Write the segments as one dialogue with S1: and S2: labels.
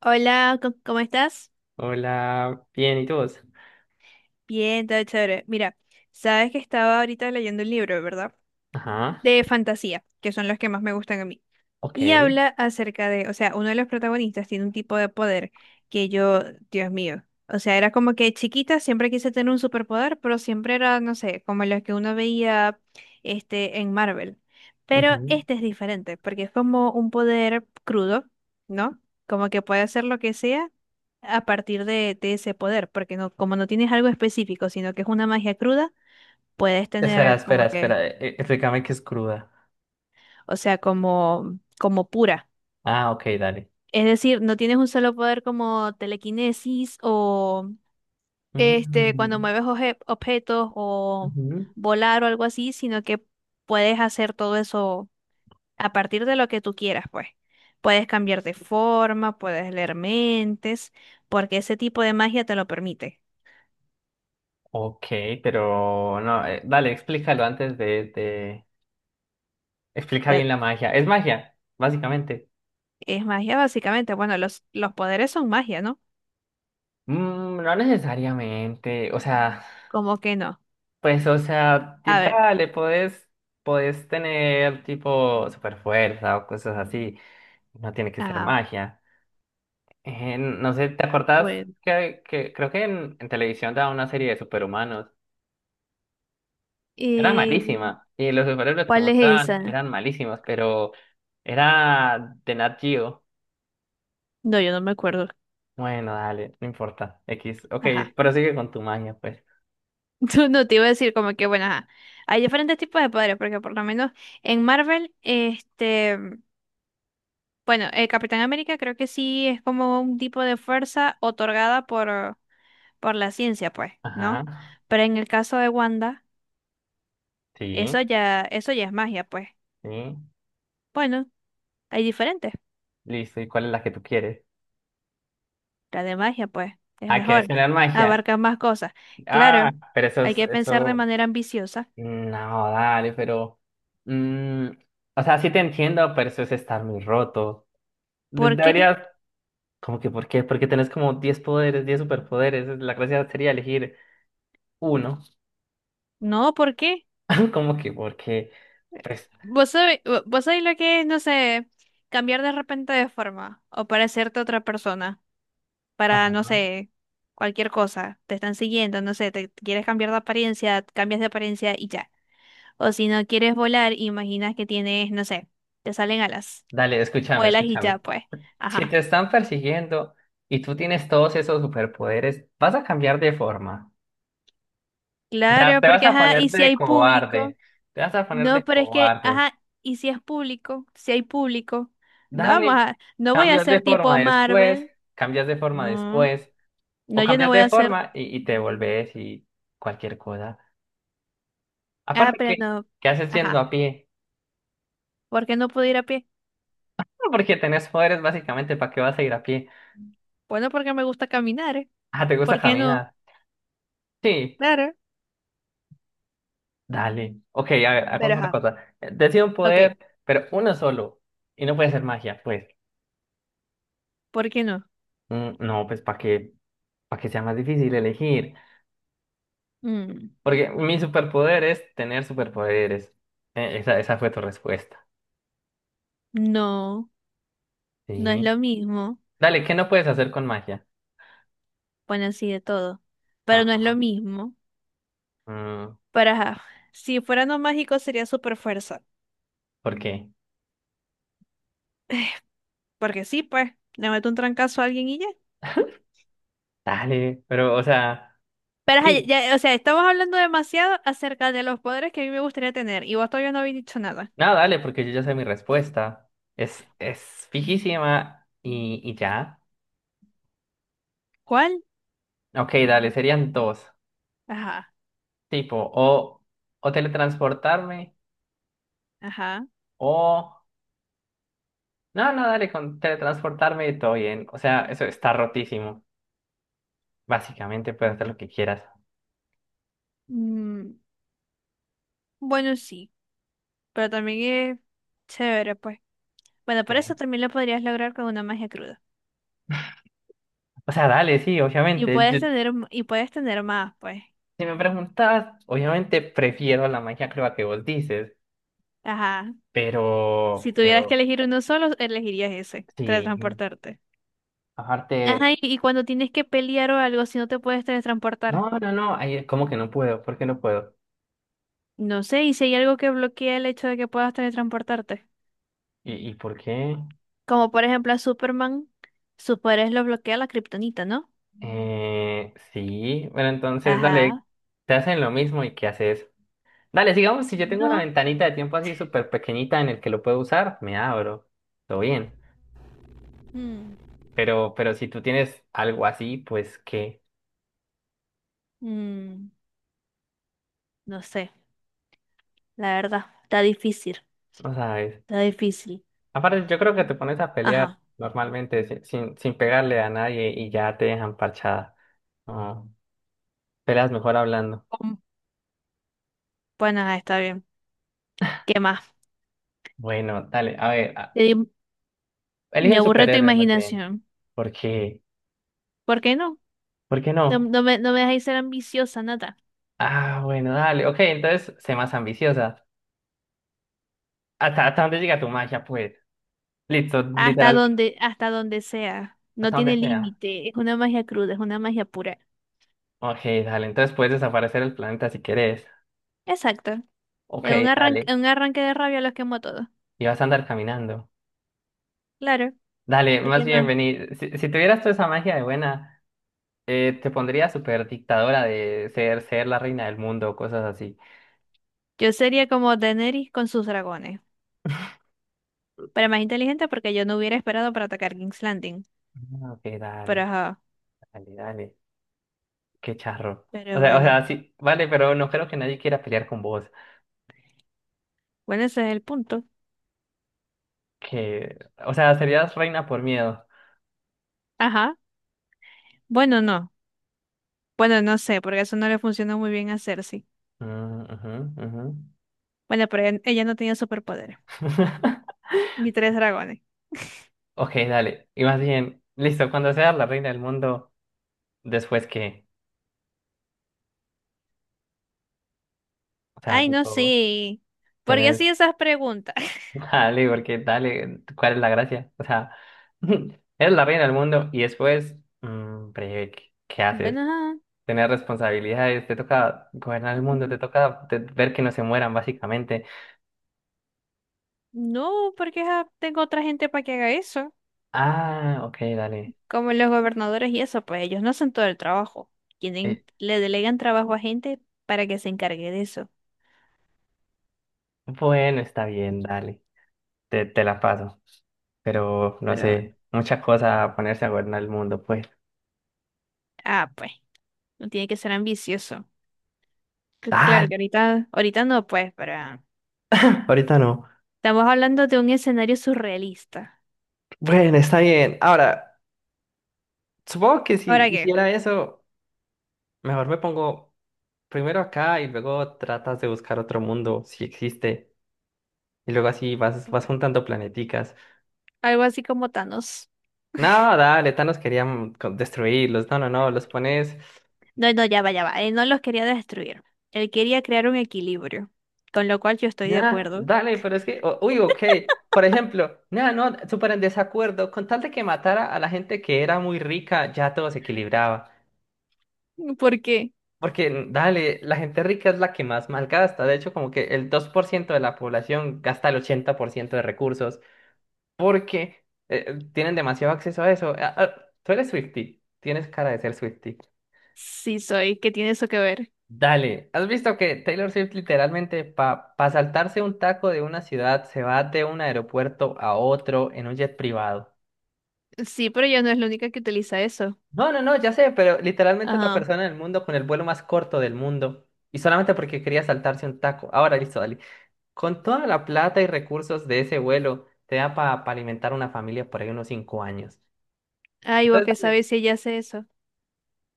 S1: Hola, ¿cómo estás?
S2: Hola, bien, ¿y tú?
S1: Bien, todo chévere. Mira, sabes que estaba ahorita leyendo un libro, ¿verdad?
S2: Ajá,
S1: De fantasía, que son los que más me gustan a mí. Y
S2: ok.
S1: habla acerca de, o sea, uno de los protagonistas tiene un tipo de poder que yo, Dios mío, o sea, era como que chiquita siempre quise tener un superpoder, pero siempre era, no sé, como los que uno veía en Marvel. Pero
S2: Ujú.
S1: este es diferente, porque es como un poder crudo, ¿no? Como que puede hacer lo que sea a partir de ese poder, porque no, como no tienes algo específico, sino que es una magia cruda, puedes
S2: Espera,
S1: tener
S2: espera,
S1: como que
S2: espera. Explícame que es cruda.
S1: o sea, como pura.
S2: Ah, ok, dale.
S1: Es decir, no tienes un solo poder como telequinesis o cuando
S2: Mm,
S1: mueves objetos o
S2: ujú.
S1: volar o algo así, sino que puedes hacer todo eso a partir de lo que tú quieras, pues. Puedes cambiar de forma, puedes leer mentes, porque ese tipo de magia te lo permite.
S2: Ok, pero no, dale, explícalo de- Explica
S1: Ya
S2: bien la magia. Es magia, básicamente.
S1: es magia básicamente. Bueno, los poderes son magia, ¿no?
S2: Mm, no necesariamente. O sea,
S1: ¿Como que no?
S2: pues, o sea, y
S1: A ver.
S2: dale, podés tener tipo super fuerza o cosas así. No tiene que ser
S1: Ah,
S2: magia. No sé, ¿te acordás
S1: bueno.
S2: que creo que en televisión daba una serie de superhumanos? Era
S1: Eh,
S2: malísima. Y los superhéroes que
S1: ¿Cuál es
S2: mostraban
S1: esa?
S2: eran malísimos, pero era de Nat Geo.
S1: No, yo no me acuerdo.
S2: Bueno, dale, no importa. X. Ok,
S1: Ajá.
S2: prosigue con tu maña, pues.
S1: No, no, te iba a decir como que, bueno, ajá. Hay diferentes tipos de padres, porque por lo menos en Marvel, bueno, el Capitán América creo que sí es como un tipo de fuerza otorgada por la ciencia, pues,
S2: Ajá.
S1: ¿no? Pero en el caso de Wanda,
S2: Sí,
S1: eso ya es magia, pues.
S2: sí.
S1: Bueno, hay diferentes.
S2: Listo. ¿Y cuál es la que tú quieres?
S1: La de magia, pues, es
S2: Ah, ¿quieres
S1: mejor.
S2: tener magia?
S1: Abarca más cosas.
S2: Ah,
S1: Claro,
S2: pero eso
S1: hay
S2: es,
S1: que pensar de
S2: eso.
S1: manera ambiciosa.
S2: No, dale, pero. Mm, o sea, sí te entiendo, pero eso es estar muy roto.
S1: ¿Por qué?
S2: Deberías. ¿Cómo que por qué? Porque tenés como 10 poderes, 10 superpoderes. La gracia sería elegir uno.
S1: No, ¿por qué?
S2: ¿Cómo que por qué? Pues,
S1: Vos sabés lo que es, no sé, cambiar de repente de forma o parecerte a otra persona para, no
S2: ajá.
S1: sé, cualquier cosa. Te están siguiendo, no sé, te quieres cambiar de apariencia, cambias de apariencia y ya. O si no quieres volar, imaginas que tienes, no sé, te salen alas,
S2: Dale, escúchame,
S1: vuelas y ya,
S2: escúchame.
S1: pues.
S2: Si te
S1: Ajá.
S2: están persiguiendo y tú tienes todos esos superpoderes, vas a cambiar de forma. O sea,
S1: Claro,
S2: te vas
S1: porque
S2: a
S1: ajá,
S2: poner
S1: y si
S2: de
S1: hay público.
S2: cobarde. Te vas a poner de
S1: No, pero es que,
S2: cobarde.
S1: ajá, y si es público, si hay público. No,
S2: Dale,
S1: no voy a
S2: cambias de
S1: ser
S2: forma
S1: tipo
S2: después,
S1: Marvel.
S2: cambias de forma
S1: No.
S2: después,
S1: No,
S2: o
S1: yo no
S2: cambias
S1: voy a
S2: de
S1: hacer.
S2: forma y te volvés y cualquier cosa.
S1: Ah,
S2: Aparte,
S1: pero no.
S2: ¿qué haces yendo
S1: Ajá.
S2: a pie?
S1: ¿Por qué no puedo ir a pie?
S2: Porque tenés poderes básicamente, ¿para qué vas a ir a pie?
S1: Bueno, porque me gusta caminar, ¿eh?
S2: Ah, ¿te gusta
S1: ¿Por qué no?
S2: caminar? Sí,
S1: Claro.
S2: dale. Ok, a ver,
S1: Pero
S2: hagamos una
S1: ajá.
S2: cosa. Decide un
S1: Ok.
S2: poder, pero uno solo. Y no puede ser magia, pues.
S1: ¿Por qué no?
S2: Mm, no, para que sea más difícil elegir.
S1: Mm,
S2: Porque mi superpoder es tener superpoderes. Esa fue tu respuesta.
S1: no, no es
S2: Sí.
S1: lo mismo.
S2: Dale, ¿qué no puedes hacer con magia?
S1: Bueno, sí, de todo. Pero no es
S2: Ah,
S1: lo mismo.
S2: mm,
S1: Pero ajá. Si fuera no mágico sería super fuerza.
S2: ¿por qué?
S1: Porque sí, pues, le meto un trancazo a alguien y ya.
S2: Dale, pero, o sea,
S1: Pero ajá,
S2: sí.
S1: ya, o sea, estamos hablando demasiado acerca de los poderes que a mí me gustaría tener. Y vos todavía no habéis dicho nada.
S2: No, dale, porque yo ya sé mi respuesta. Es fijísima y ya.
S1: ¿Cuál?
S2: Ok, dale, serían dos.
S1: Ajá,
S2: Tipo, o, o teletransportarme,
S1: ajá.
S2: o... No, no, dale, con teletransportarme y todo bien. O sea, eso está rotísimo. Básicamente puedes hacer lo que quieras.
S1: Mm, bueno, sí. Pero también es chévere, pues. Bueno, por
S2: Ok.
S1: eso también lo podrías lograr con una magia cruda.
S2: O sea, dale, sí,
S1: Y
S2: obviamente.
S1: puedes
S2: Yo-
S1: tener, m- y puedes tener más, pues.
S2: si me preguntas, obviamente prefiero la magia creo que vos dices,
S1: Ajá. Si tuvieras que
S2: pero
S1: elegir uno solo, elegirías ese,
S2: sí,
S1: teletransportarte.
S2: aparte...
S1: Ajá, y cuando tienes que pelear o algo, si no te puedes teletransportar.
S2: No, no, no, ahí como que no puedo, ¿por qué no puedo?
S1: No sé, y si hay algo que bloquea el hecho de que puedas teletransportarte.
S2: ¿Y por qué?
S1: Como por ejemplo a Superman, sus poderes lo bloquea la kriptonita, ¿no?
S2: Sí, bueno, entonces dale,
S1: Ajá.
S2: te hacen lo mismo y ¿qué haces? Dale, sigamos, si yo tengo una
S1: No.
S2: ventanita de tiempo así súper pequeñita en el que lo puedo usar, me abro, todo bien.
S1: Mm.
S2: Pero si tú tienes algo así, pues ¿qué?
S1: Mm, no sé, la verdad. Está difícil.
S2: No sabes.
S1: Está difícil.
S2: Aparte, yo creo que te pones a pelear
S1: Ajá.
S2: normalmente sin pegarle a nadie y ya te dejan parchada. No, peleas mejor hablando.
S1: Bueno, ajá, está bien. ¿Qué más?
S2: Bueno, dale, a ver,
S1: Te di-
S2: elige
S1: Me
S2: un
S1: aburre tu
S2: superhéroe más bien.
S1: imaginación.
S2: ¿Por qué?
S1: ¿Por qué no?
S2: ¿Por qué
S1: No,
S2: no?
S1: no me dejáis ser ambiciosa, nada.
S2: Ah, bueno, dale. Ok, entonces, sé más ambiciosa. ¿Hasta dónde llega tu magia, pues? Listo,
S1: Hasta
S2: literal,
S1: donde, hasta donde sea. No
S2: hasta donde
S1: tiene
S2: sea.
S1: límite. Es una magia cruda, es una magia pura.
S2: Ok, dale. Entonces puedes desaparecer el planeta si querés.
S1: Exacto.
S2: Ok,
S1: En
S2: dale.
S1: un arranque de rabia los quemo a todos.
S2: Y vas a andar caminando.
S1: Claro,
S2: Dale,
S1: ¿por
S2: más
S1: qué
S2: bien,
S1: no?
S2: vení. Si tuvieras toda esa magia de buena, te pondría súper dictadora de ser la reina del mundo o cosas así.
S1: Yo sería como Daenerys con sus dragones. Pero más inteligente porque yo no hubiera esperado para atacar King's Landing.
S2: Ah, ok,
S1: Pero ajá.
S2: dale. Qué charro.
S1: Pero
S2: O
S1: bueno.
S2: sea, sí, vale, pero no creo que nadie quiera pelear con vos.
S1: Bueno, ese es el punto.
S2: Que, o sea, serías reina por miedo.
S1: Ajá. Bueno, no. Bueno, no sé, porque eso no le funcionó muy bien a Cersei.
S2: Ah, ajá, ajá.
S1: Bueno, pero ella no tenía superpoderes, ni tres dragones.
S2: Ok, dale. Y más bien, listo, cuando seas la reina del mundo, después que, o sea,
S1: Ay, no
S2: tipo,
S1: sé. ¿Por qué
S2: tenés,
S1: hacía esas preguntas?
S2: dale, porque dale, ¿cuál es la gracia? O sea, eres la reina del mundo y después, mm, breve, ¿qué haces?
S1: Bueno, ajá.
S2: Tener responsabilidades, te toca gobernar el mundo,
S1: Mm,
S2: te toca ver que no se mueran, básicamente.
S1: no, porque ajá, tengo otra gente para que haga eso.
S2: Ah, ok, dale.
S1: Como los gobernadores y eso, pues ellos no hacen todo el trabajo.
S2: Eh,
S1: Tienen, le delegan trabajo a gente para que se encargue de eso.
S2: bueno, está bien, dale. Te la paso. Pero no
S1: Pero bueno.
S2: sé, mucha cosa a ponerse a gobernar el mundo, pues.
S1: Ah, pues, no tiene que ser ambicioso.
S2: Tal
S1: Claro que ahorita, ahorita no, pues, pero
S2: ahorita no.
S1: estamos hablando de un escenario surrealista.
S2: Bueno, está bien. Ahora, supongo que si
S1: ¿Ahora qué?
S2: hiciera eso, mejor me pongo primero acá y luego tratas de buscar otro mundo, si existe. Y luego así vas juntando planeticas.
S1: Algo así como Thanos.
S2: No, dale, Thanos quería destruirlos. No, no, no, los pones.
S1: No, no, ya va, ya va. Él no los quería destruir. Él quería crear un equilibrio, con lo cual yo estoy de
S2: Nah,
S1: acuerdo.
S2: dale, pero es que, uy, ok. Por ejemplo, nah, no, súper en desacuerdo. Con tal de que matara a la gente que era muy rica, ya todo se equilibraba.
S1: ¿Por qué?
S2: Porque, dale, la gente rica es la que más malgasta. De hecho, como que el 2% de la población gasta el 80% de recursos porque tienen demasiado acceso a eso. Ah, ah, tú eres Swiftie, tienes cara de ser Swiftie.
S1: Sí soy, ¿qué tiene eso que ver?
S2: Dale, ¿has visto que Taylor Swift literalmente para saltarse un taco de una ciudad se va de un aeropuerto a otro en un jet privado?
S1: Sí, pero ella no es la única que utiliza eso.
S2: No, no, no, ya sé, pero literalmente es la
S1: Ajá.
S2: persona del mundo con el vuelo más corto del mundo y solamente porque quería saltarse un taco. Ahora listo, dale. Con toda la plata y recursos de ese vuelo te da para alimentar una familia por ahí unos 5 años.
S1: Ay, vos
S2: Entonces,
S1: qué
S2: dale.
S1: sabés si ella hace eso.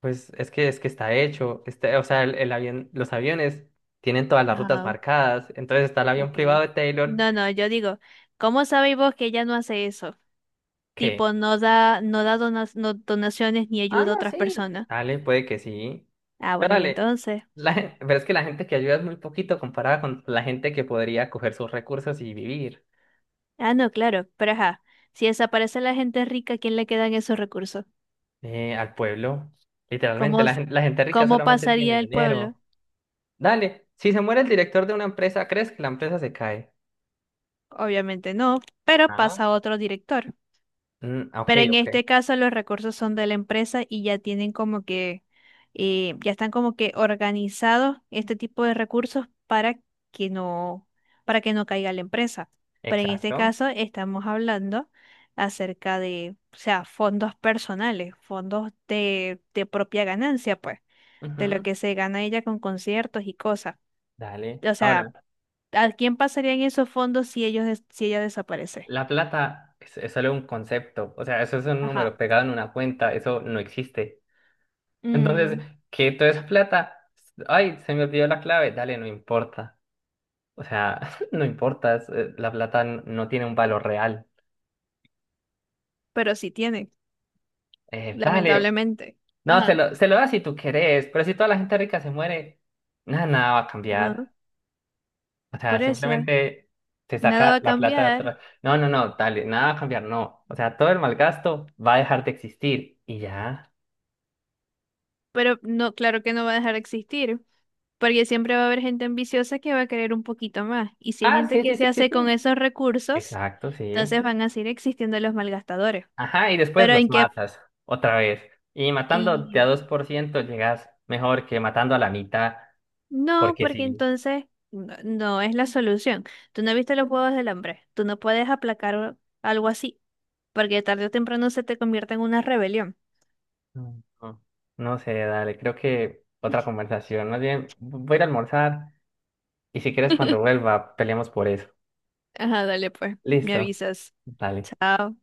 S2: Pues es que está hecho, este, o sea, el avión, los aviones tienen todas las rutas
S1: Ajá,
S2: marcadas, entonces está el avión
S1: ok.
S2: privado de Taylor.
S1: No, no, yo digo, ¿cómo sabéis vos que ella no hace eso? Tipo,
S2: ¿Qué?
S1: no da donaciones ni
S2: Ah,
S1: ayuda a
S2: no,
S1: otras
S2: sí.
S1: personas.
S2: Dale, puede que sí.
S1: Ah,
S2: Pero
S1: bueno, y
S2: dale,
S1: entonces.
S2: pero es que la gente que ayuda es muy poquito comparada con la gente que podría coger sus recursos y vivir
S1: Ah, no, claro, pero ajá. Si desaparece la gente rica, ¿a quién le quedan esos recursos?
S2: al pueblo. Literalmente,
S1: ¿Cómo, s-
S2: la gente rica
S1: cómo
S2: solamente tiene
S1: pasaría el pueblo?
S2: dinero. Dale, si se muere el director de una empresa, ¿crees que la empresa se cae?
S1: Obviamente no, pero
S2: Ah,
S1: pasa otro director.
S2: mm, ok,
S1: Pero en
S2: ok.
S1: este caso los recursos son de la empresa y ya tienen como que, ya están como que organizados este tipo de recursos que no, para que no caiga la empresa. Pero en este
S2: Exacto.
S1: caso estamos hablando acerca de, o sea, fondos personales, fondos de propia ganancia, pues, de lo
S2: Ujú.
S1: que se gana ella con conciertos y cosas.
S2: Dale.
S1: O
S2: Ahora,
S1: sea, ¿a quién pasarían esos fondos si si ella desaparece?
S2: la plata es solo un concepto. O sea, eso es un
S1: Ajá.
S2: número pegado en una cuenta. Eso no existe. Entonces,
S1: Mm,
S2: que toda esa plata, ay, se me olvidó la clave, dale, no importa. O sea, no importa, la plata no tiene un valor real.
S1: pero sí tiene,
S2: Dale,
S1: lamentablemente.
S2: no,
S1: Ajá.
S2: se lo das si tú querés, pero si toda la gente rica se muere, nada, nada va a
S1: Ah,
S2: cambiar. O
S1: por
S2: sea,
S1: eso,
S2: simplemente te
S1: nada va
S2: saca
S1: a
S2: la plata de
S1: cambiar,
S2: otra. No, no, no, dale, nada va a cambiar, no. O sea, todo el malgasto va a dejar de existir y ya.
S1: pero no, claro que no va a dejar de existir, porque siempre va a haber gente ambiciosa que va a querer un poquito más. Y si hay
S2: Ah,
S1: gente
S2: sí,
S1: que
S2: sí,
S1: se
S2: sí, sí,
S1: hace con
S2: sí.
S1: esos recursos,
S2: Exacto, sí.
S1: entonces van a seguir existiendo los malgastadores.
S2: Ajá, y después
S1: Pero
S2: los
S1: en qué,
S2: matas otra vez. Y matando de a 2% llegas mejor que matando a la mitad,
S1: no,
S2: porque
S1: porque
S2: sí.
S1: entonces no es la solución. Tú no viste los juegos del hambre. Tú no puedes aplacar algo así, porque tarde o temprano se te convierte en una rebelión.
S2: Mm. No, no sé, dale, creo que otra conversación. Más bien, voy a ir a almorzar y si quieres cuando vuelva, peleamos por eso.
S1: Ajá, dale pues, me
S2: Listo,
S1: avisas.
S2: dale.
S1: Chao.